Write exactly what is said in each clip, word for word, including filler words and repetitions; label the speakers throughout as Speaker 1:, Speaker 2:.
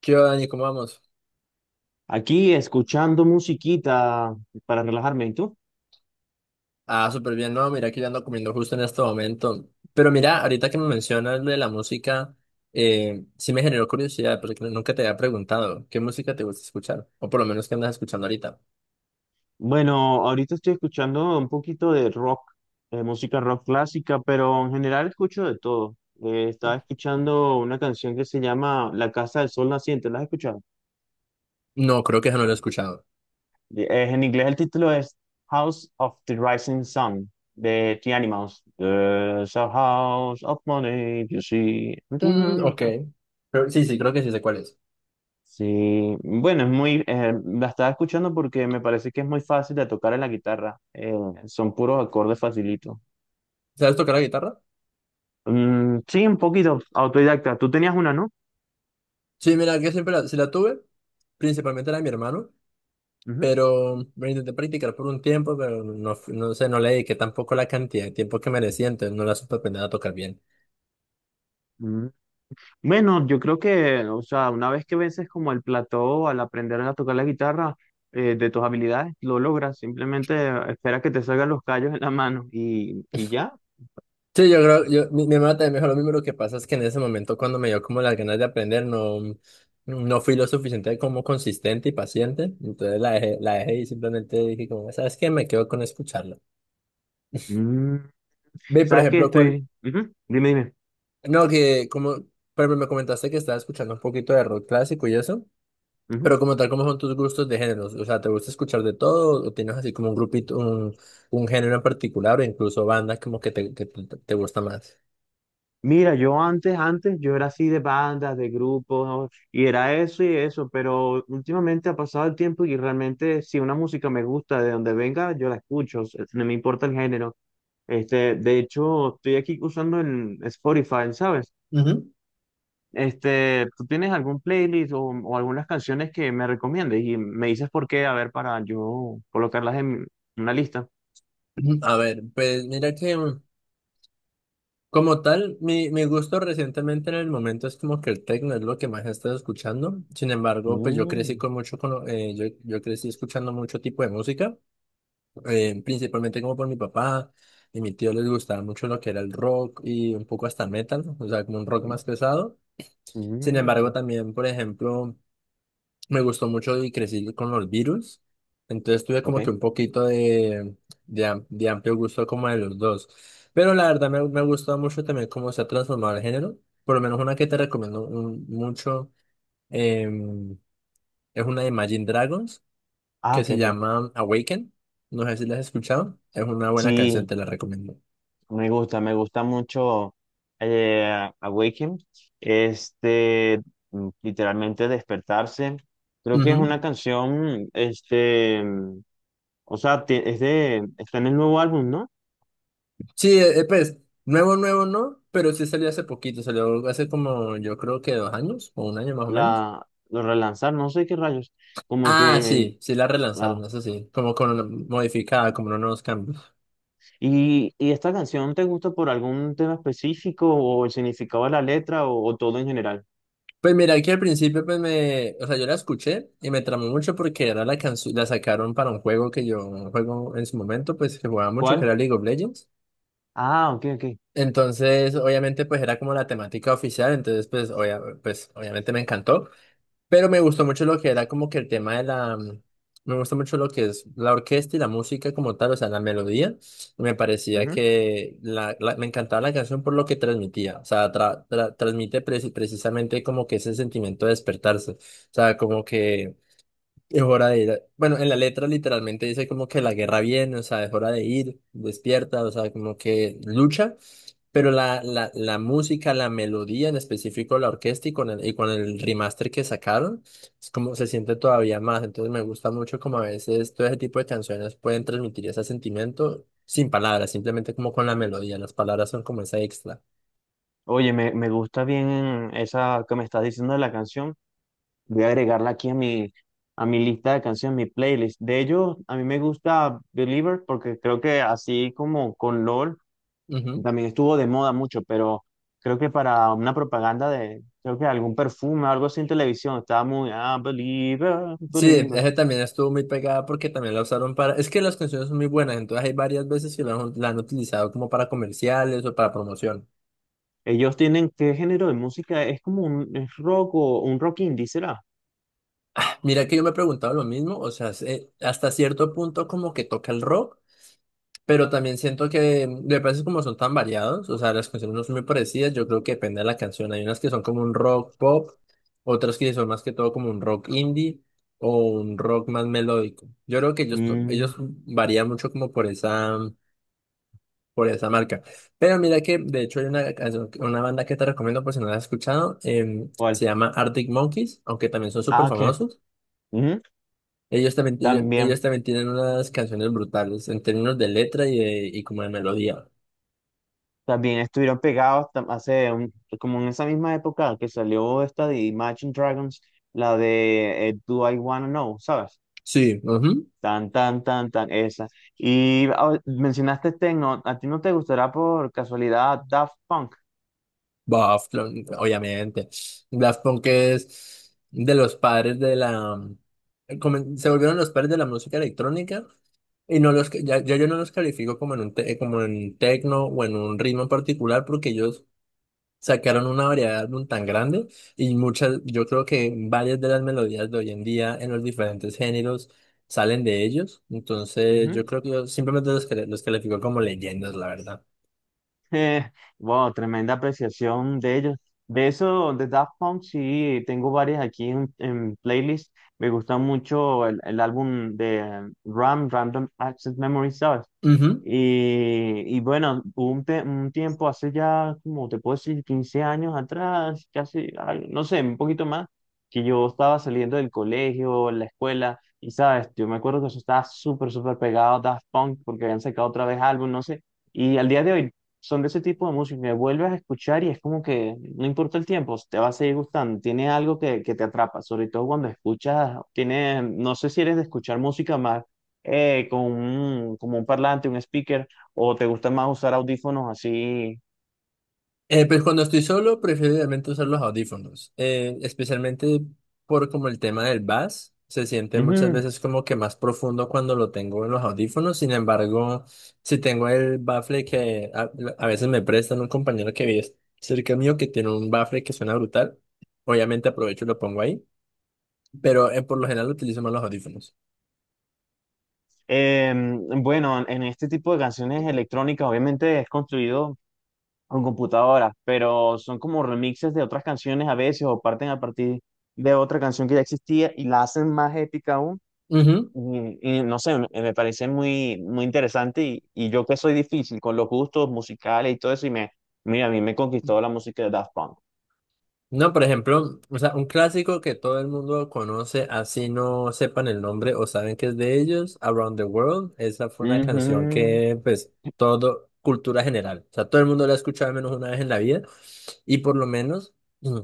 Speaker 1: ¿Qué va, Dani? ¿Cómo vamos?
Speaker 2: Aquí escuchando musiquita para relajarme, ¿y tú?
Speaker 1: Ah, súper bien. No, mira que yo ando comiendo justo en este momento. Pero mira, ahorita que me mencionas lo de la música, eh, sí me generó curiosidad, porque no, nunca te había preguntado qué música te gusta escuchar, o por lo menos qué andas escuchando ahorita.
Speaker 2: Bueno, ahorita estoy escuchando un poquito de rock, eh, música rock clásica, pero en general escucho de todo. Eh, estaba escuchando una canción que se llama La Casa del Sol Naciente, ¿la has escuchado?
Speaker 1: No, creo que ya no lo he escuchado.
Speaker 2: Eh, en inglés el título es House of the Rising Sun de The Animals. There's a house of money, you see.
Speaker 1: Mm, ok. Pero sí, sí, creo que sí sé cuál es.
Speaker 2: Sí, bueno, es muy, eh, la estaba escuchando porque me parece que es muy fácil de tocar en la guitarra. Eh, son puros acordes facilitos.
Speaker 1: ¿Sabes tocar la guitarra?
Speaker 2: Mm, sí, un poquito autodidacta. Tú tenías una, ¿no?
Speaker 1: Sí, mira, que siempre la, sí la tuve, principalmente la de mi hermano,
Speaker 2: Ujú.
Speaker 1: pero me intenté practicar por un tiempo, pero no, fu- no sé, no le dediqué tampoco la cantidad de tiempo que merecía, entonces no la supe aprender a tocar bien.
Speaker 2: Mm. Bueno, yo creo que, o sea, una vez que vences como el plató al aprender a tocar la guitarra, eh, de tus habilidades, lo logras. Simplemente espera que te salgan los callos en la mano y, y ya.
Speaker 1: Sí, yo creo, yo, mi, mi hermana también me dijo lo mismo, lo que pasa es que en ese momento cuando me dio como las ganas de aprender, no, no fui lo suficiente como consistente y paciente, entonces la dejé, la dejé y simplemente dije como, ¿sabes qué? Me quedo con escucharlo.
Speaker 2: Mm.
Speaker 1: Ve, por
Speaker 2: ¿Sabes que
Speaker 1: ejemplo, cuál,
Speaker 2: estoy... Ujú. Dime, dime.
Speaker 1: no, que como, pero me comentaste que estabas escuchando un poquito de rock clásico y eso,
Speaker 2: Ujú.
Speaker 1: pero como tal, ¿cómo son tus gustos de géneros? O sea, ¿te gusta escuchar de todo o tienes así como un grupito, un, un género en particular o incluso bandas como que te, que te te gusta más?
Speaker 2: Mira, yo antes, antes, yo era así de bandas, de grupos, ¿no? Y era eso y eso, pero últimamente ha pasado el tiempo y realmente si una música me gusta, de donde venga, yo la escucho, o sea, no me importa el género. Este, de hecho, estoy aquí usando en Spotify, ¿sabes?
Speaker 1: Ujú.
Speaker 2: Este, ¿tú tienes algún playlist o, o algunas canciones que me recomiendes y me dices por qué, a ver, para yo colocarlas en una lista?
Speaker 1: Ujú. A ver, pues mira que... Como tal, mi, mi gusto recientemente en el momento es como que el techno es lo que más he estado escuchando. Sin embargo, pues yo crecí
Speaker 2: Mm,
Speaker 1: con mucho, con, lo- eh, yo, yo crecí escuchando mucho tipo de música, eh, principalmente como por mi papá y mi tío les gustaba mucho lo que era el rock y un poco hasta el metal, o sea, como un rock más pesado. Sin embargo,
Speaker 2: mm,
Speaker 1: también, por ejemplo, me gustó mucho y crecí con los virus. Entonces tuve como que
Speaker 2: ok.
Speaker 1: un poquito de, de, am- de amplio gusto como de los dos. Pero la verdad me, me ha gustado mucho también cómo se ha transformado el género. Por lo menos una que te recomiendo un- mucho em, es una de Imagine Dragons
Speaker 2: Ah,
Speaker 1: que
Speaker 2: ok,
Speaker 1: se
Speaker 2: ok.
Speaker 1: llama Awaken. No sé si la has escuchado. Es una buena canción,
Speaker 2: Sí,
Speaker 1: te la recomiendo.
Speaker 2: Me gusta, me gusta mucho eh, Awaken, este, mm, literalmente despertarse. Creo que es
Speaker 1: Ujú.
Speaker 2: una canción, este, mm, o sea, ti- es de, está en el nuevo álbum, ¿no?
Speaker 1: Sí, eh, eh, pues nuevo, nuevo no, pero sí salió hace poquito. Salió hace como yo creo que dos años o un año más o
Speaker 2: La,
Speaker 1: menos.
Speaker 2: lo relanzar no sé qué rayos, como
Speaker 1: Ah,
Speaker 2: que,
Speaker 1: sí, sí la
Speaker 2: ah.
Speaker 1: relanzaron, eso sí, como con una modificada, como unos cambios.
Speaker 2: ¿Y, y esta canción te gusta por algún tema específico o el significado de la letra o, o todo en general?
Speaker 1: Pues mira, que al principio pues me, o sea, yo la escuché y me tramó mucho porque era la canción, la sacaron para un juego que yo juego en su momento, pues que jugaba mucho, que
Speaker 2: ¿Cuál?
Speaker 1: era League of Legends.
Speaker 2: Ah, ok, ok.
Speaker 1: Entonces, obviamente, pues era como la temática oficial, entonces pues, obvia- pues obviamente me encantó. Pero me gustó mucho lo que era como que el tema de la... mm, Me gusta mucho lo que es la orquesta y la música como tal, o sea, la melodía. Me parecía
Speaker 2: Ujú.
Speaker 1: que la, la- me encantaba la canción por lo que transmitía. O sea, tra- tra- transmite preci- precisamente como que ese sentimiento de despertarse. O sea, como que... Es hora de ir. a- Bueno, en la letra literalmente dice como que la guerra viene, o sea, es hora de ir, despierta, o sea, como que lucha, pero la, la, la música, la melodía en específico, la orquesta y con el, y con el remaster que sacaron, es como se siente todavía más. Entonces me gusta mucho como a veces todo ese tipo de canciones pueden transmitir ese sentimiento sin palabras, simplemente como con la melodía. Las palabras son como esa extra.
Speaker 2: Oye, me, me gusta bien esa que me estás diciendo de la canción. Voy a agregarla aquí a mi, a mi lista de canciones, mi playlist. De ellos, a mí me gusta Believer porque creo que así como con LOL, también estuvo de moda mucho, pero creo que para una propaganda de, creo que algún perfume, algo así en televisión, estaba muy, ah, Believer,
Speaker 1: Sí,
Speaker 2: Believer.
Speaker 1: ese también estuvo muy pegada porque también la usaron para... Es que las canciones son muy buenas, entonces hay varias veces que la han, la han utilizado como para comerciales o para promoción.
Speaker 2: Ellos tienen, ¿qué género de música? Es como un es rock o un rock indie, ¿será?
Speaker 1: Mira que yo me he preguntado lo mismo, o sea, se- hasta cierto punto como que toca el rock, pero también siento que mm, de veces como son tan variados, o sea, las canciones no son muy parecidas, yo creo que depende de la canción. Hay unas que son como un rock pop, otras que son más que todo como un rock indie o un rock más melódico. Yo creo que ellos, to-
Speaker 2: Mm,
Speaker 1: ellos varían mucho como por esa... por esa marca. Pero mira que, de hecho, hay una, canción- una banda que te recomiendo por si no la has escuchado. Em, se
Speaker 2: ¿cuál?
Speaker 1: llama Arctic Monkeys, aunque también son súper
Speaker 2: Ah, que
Speaker 1: famosos. Ellos también, ellos,
Speaker 2: también.
Speaker 1: ellos también tienen unas canciones brutales en términos de letra y, de- y como de melodía.
Speaker 2: También estuvieron pegados tam- hace un- como en esa misma época que salió esta de Imagine Dragons, la de eh, Do I Wanna Know, ¿sabes?
Speaker 1: Sí, ujú.
Speaker 2: Tan, tan, tan, tan, esa. Y ah, mencionaste Tecno, ¿a ti no te gustará por casualidad Daft Punk?
Speaker 1: Daft Punk, obviamente. Daft Punk es de los padres de la... comen- Se volvieron los padres de la música electrónica. Y no los, ya, ya yo no los califico como en un te- como en techno o en un ritmo en particular porque ellos sacaron una variedad de álbum tan grande y muchas, yo creo que varias de las melodías de hoy en día en los diferentes géneros salen de ellos. Entonces,
Speaker 2: Ujú.
Speaker 1: yo creo que yo simplemente los, cali- los califico como leyendas, la verdad.
Speaker 2: Eh, wow, tremenda apreciación de ellos. De eso, de Daft Punk, sí, tengo varias aquí en, en playlist. Me gusta mucho el, el álbum de eh, Ram, Random Access Memory, ¿sabes?
Speaker 1: Ujú.
Speaker 2: Y, y bueno, hubo un, te- un tiempo hace ya, como te puedo decir, quince años atrás, casi, al- no sé, un poquito más, que yo estaba saliendo del colegio, la escuela, y sabes, yo me acuerdo que eso estaba súper, súper pegado a Daft Punk, porque habían sacado otra vez álbum, no sé, y al día de hoy son de ese tipo de música que vuelves a escuchar y es como que no importa el tiempo, te va a seguir gustando, tiene algo que, que te atrapa, sobre todo cuando escuchas, tiene, no sé si eres de escuchar música más eh, con un, como un parlante, un speaker, o te gusta más usar audífonos así.
Speaker 1: Eh, pues cuando estoy solo, prefiero realmente usar los audífonos, eh, especialmente por como el tema del bass, se siente muchas
Speaker 2: Ujú.
Speaker 1: veces como que más profundo cuando lo tengo en los audífonos. Sin embargo, si tengo el baffle que a, a veces me prestan un compañero que vive cerca mío que tiene un baffle que suena brutal, obviamente aprovecho y lo pongo ahí, pero eh, por lo general utilizo más los audífonos.
Speaker 2: Em, bueno, en este tipo de canciones electrónicas obviamente es construido con computadoras, pero son como remixes de otras canciones a veces o parten a partir de otra canción que ya existía y la hacen más épica aún. Y, y no sé, me me parece muy, muy interesante y, y yo que soy difícil con los gustos musicales y todo eso y me, mira, a mí me conquistó la música de Daft Punk.
Speaker 1: No, por ejemplo, o sea, un clásico que todo el mundo conoce, así no sepan el nombre o saben que es de ellos, Around the World, esa fue una canción
Speaker 2: Ujú.
Speaker 1: que, pues, todo, cultura general, o sea, todo el mundo la ha escuchado al menos una vez en la vida, y por lo menos mm,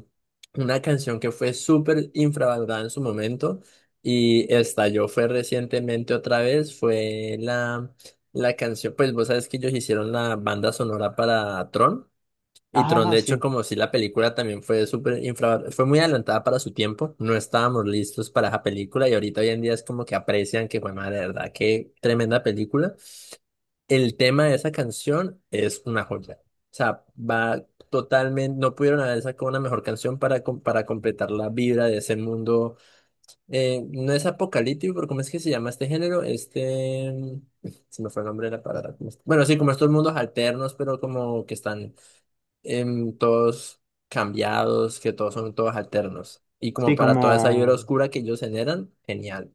Speaker 1: una canción que fue súper infravalorada en su momento y estalló fue recientemente otra vez, fue la, la canción, pues vos sabes que ellos hicieron la banda sonora para Tron. Y Tron,
Speaker 2: Ah,
Speaker 1: de hecho,
Speaker 2: sí.
Speaker 1: como si la película también fue súper infra, fue muy adelantada para su tiempo, no estábamos listos para esa película y ahorita hoy en día es como que aprecian que fue madre, de verdad, qué tremenda película. El tema de esa canción es una joya. O sea, va totalmente, no pudieron haber sacado una mejor canción para, com- para completar la vibra de ese mundo. Eh, no es apocalíptico, pero ¿cómo es que se llama este género? Este, se me fue el nombre de la palabra. Bueno, sí, como estos mundos alternos, pero como que están em, todos cambiados, que todos son todos alternos. Y como
Speaker 2: Sí,
Speaker 1: para toda esa vibra
Speaker 2: como,
Speaker 1: oscura que ellos generan, genial.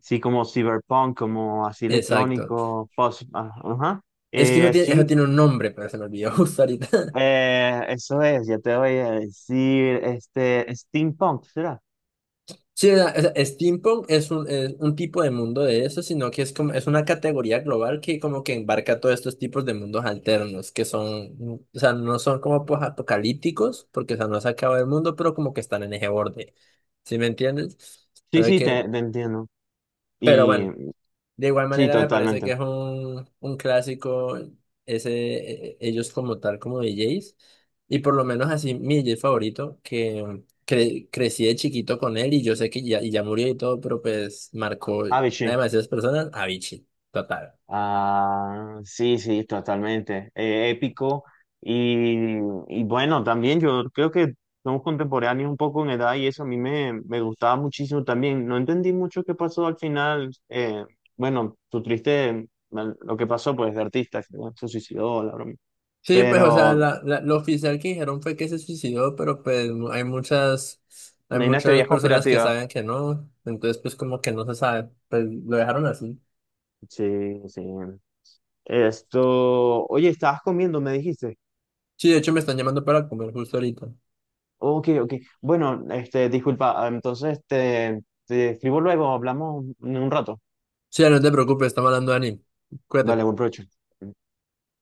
Speaker 2: sí, como cyberpunk, como así
Speaker 1: Exacto.
Speaker 2: electrónico, post, ah, ajá.
Speaker 1: Es que eso
Speaker 2: Eh,
Speaker 1: tiene, eso
Speaker 2: sí,
Speaker 1: tiene un nombre, pero se me olvidó justo ahorita.
Speaker 2: eh, eso es, ya te voy a decir, este, steampunk, ¿será?
Speaker 1: Sí, o sea, o sea, steampunk es un, es un tipo de mundo de eso, sino que es como, es una categoría global que como que embarca todos estos tipos de mundos alternos, que son, mm, o sea, no son como pues, apocalípticos, porque o sea, no se acaba el mundo, pero como que están en ese borde. ¿Sí me entiendes?
Speaker 2: Sí,
Speaker 1: Pero
Speaker 2: sí,
Speaker 1: que,
Speaker 2: te, te entiendo.
Speaker 1: pero
Speaker 2: Y
Speaker 1: bueno. De igual
Speaker 2: sí,
Speaker 1: manera me parece
Speaker 2: totalmente.
Speaker 1: que es un, un clásico ese, eh, ellos como tal, como D Js, y por lo menos así mi D J favorito, que mm, cre- crecí de chiquito con él y yo sé que ya, y ya murió y todo, pero pues marcó a
Speaker 2: Ah, sí.
Speaker 1: demasiadas personas, Avicii, total.
Speaker 2: Ah, sí, sí, totalmente. Eh, épico. Y, y bueno, también yo creo que somos contemporáneos un poco en edad y eso a mí me, me gustaba muchísimo también. No entendí mucho qué pasó al final. Eh, bueno, su triste, bueno, lo que pasó pues de artista, que, bueno, se suicidó, la broma.
Speaker 1: Sí, pues o sea,
Speaker 2: Pero
Speaker 1: la, la- lo oficial que dijeron fue que se suicidó, pero pues mu- hay muchas, hay
Speaker 2: hay unas
Speaker 1: muchas
Speaker 2: teorías
Speaker 1: personas que
Speaker 2: conspirativas.
Speaker 1: saben que no, entonces pues como que no se sabe, pues lo dejaron así.
Speaker 2: Sí, sí. Esto, oye, estabas comiendo, me dijiste.
Speaker 1: Sí, de hecho me están llamando para comer justo ahorita.
Speaker 2: Ok, ok. Bueno, este, disculpa, ah, entonces te, te escribo luego, hablamos en un rato.
Speaker 1: Sí, no te preocupes, estamos hablando de anime.
Speaker 2: Vale,
Speaker 1: Cuídate.
Speaker 2: buen provecho.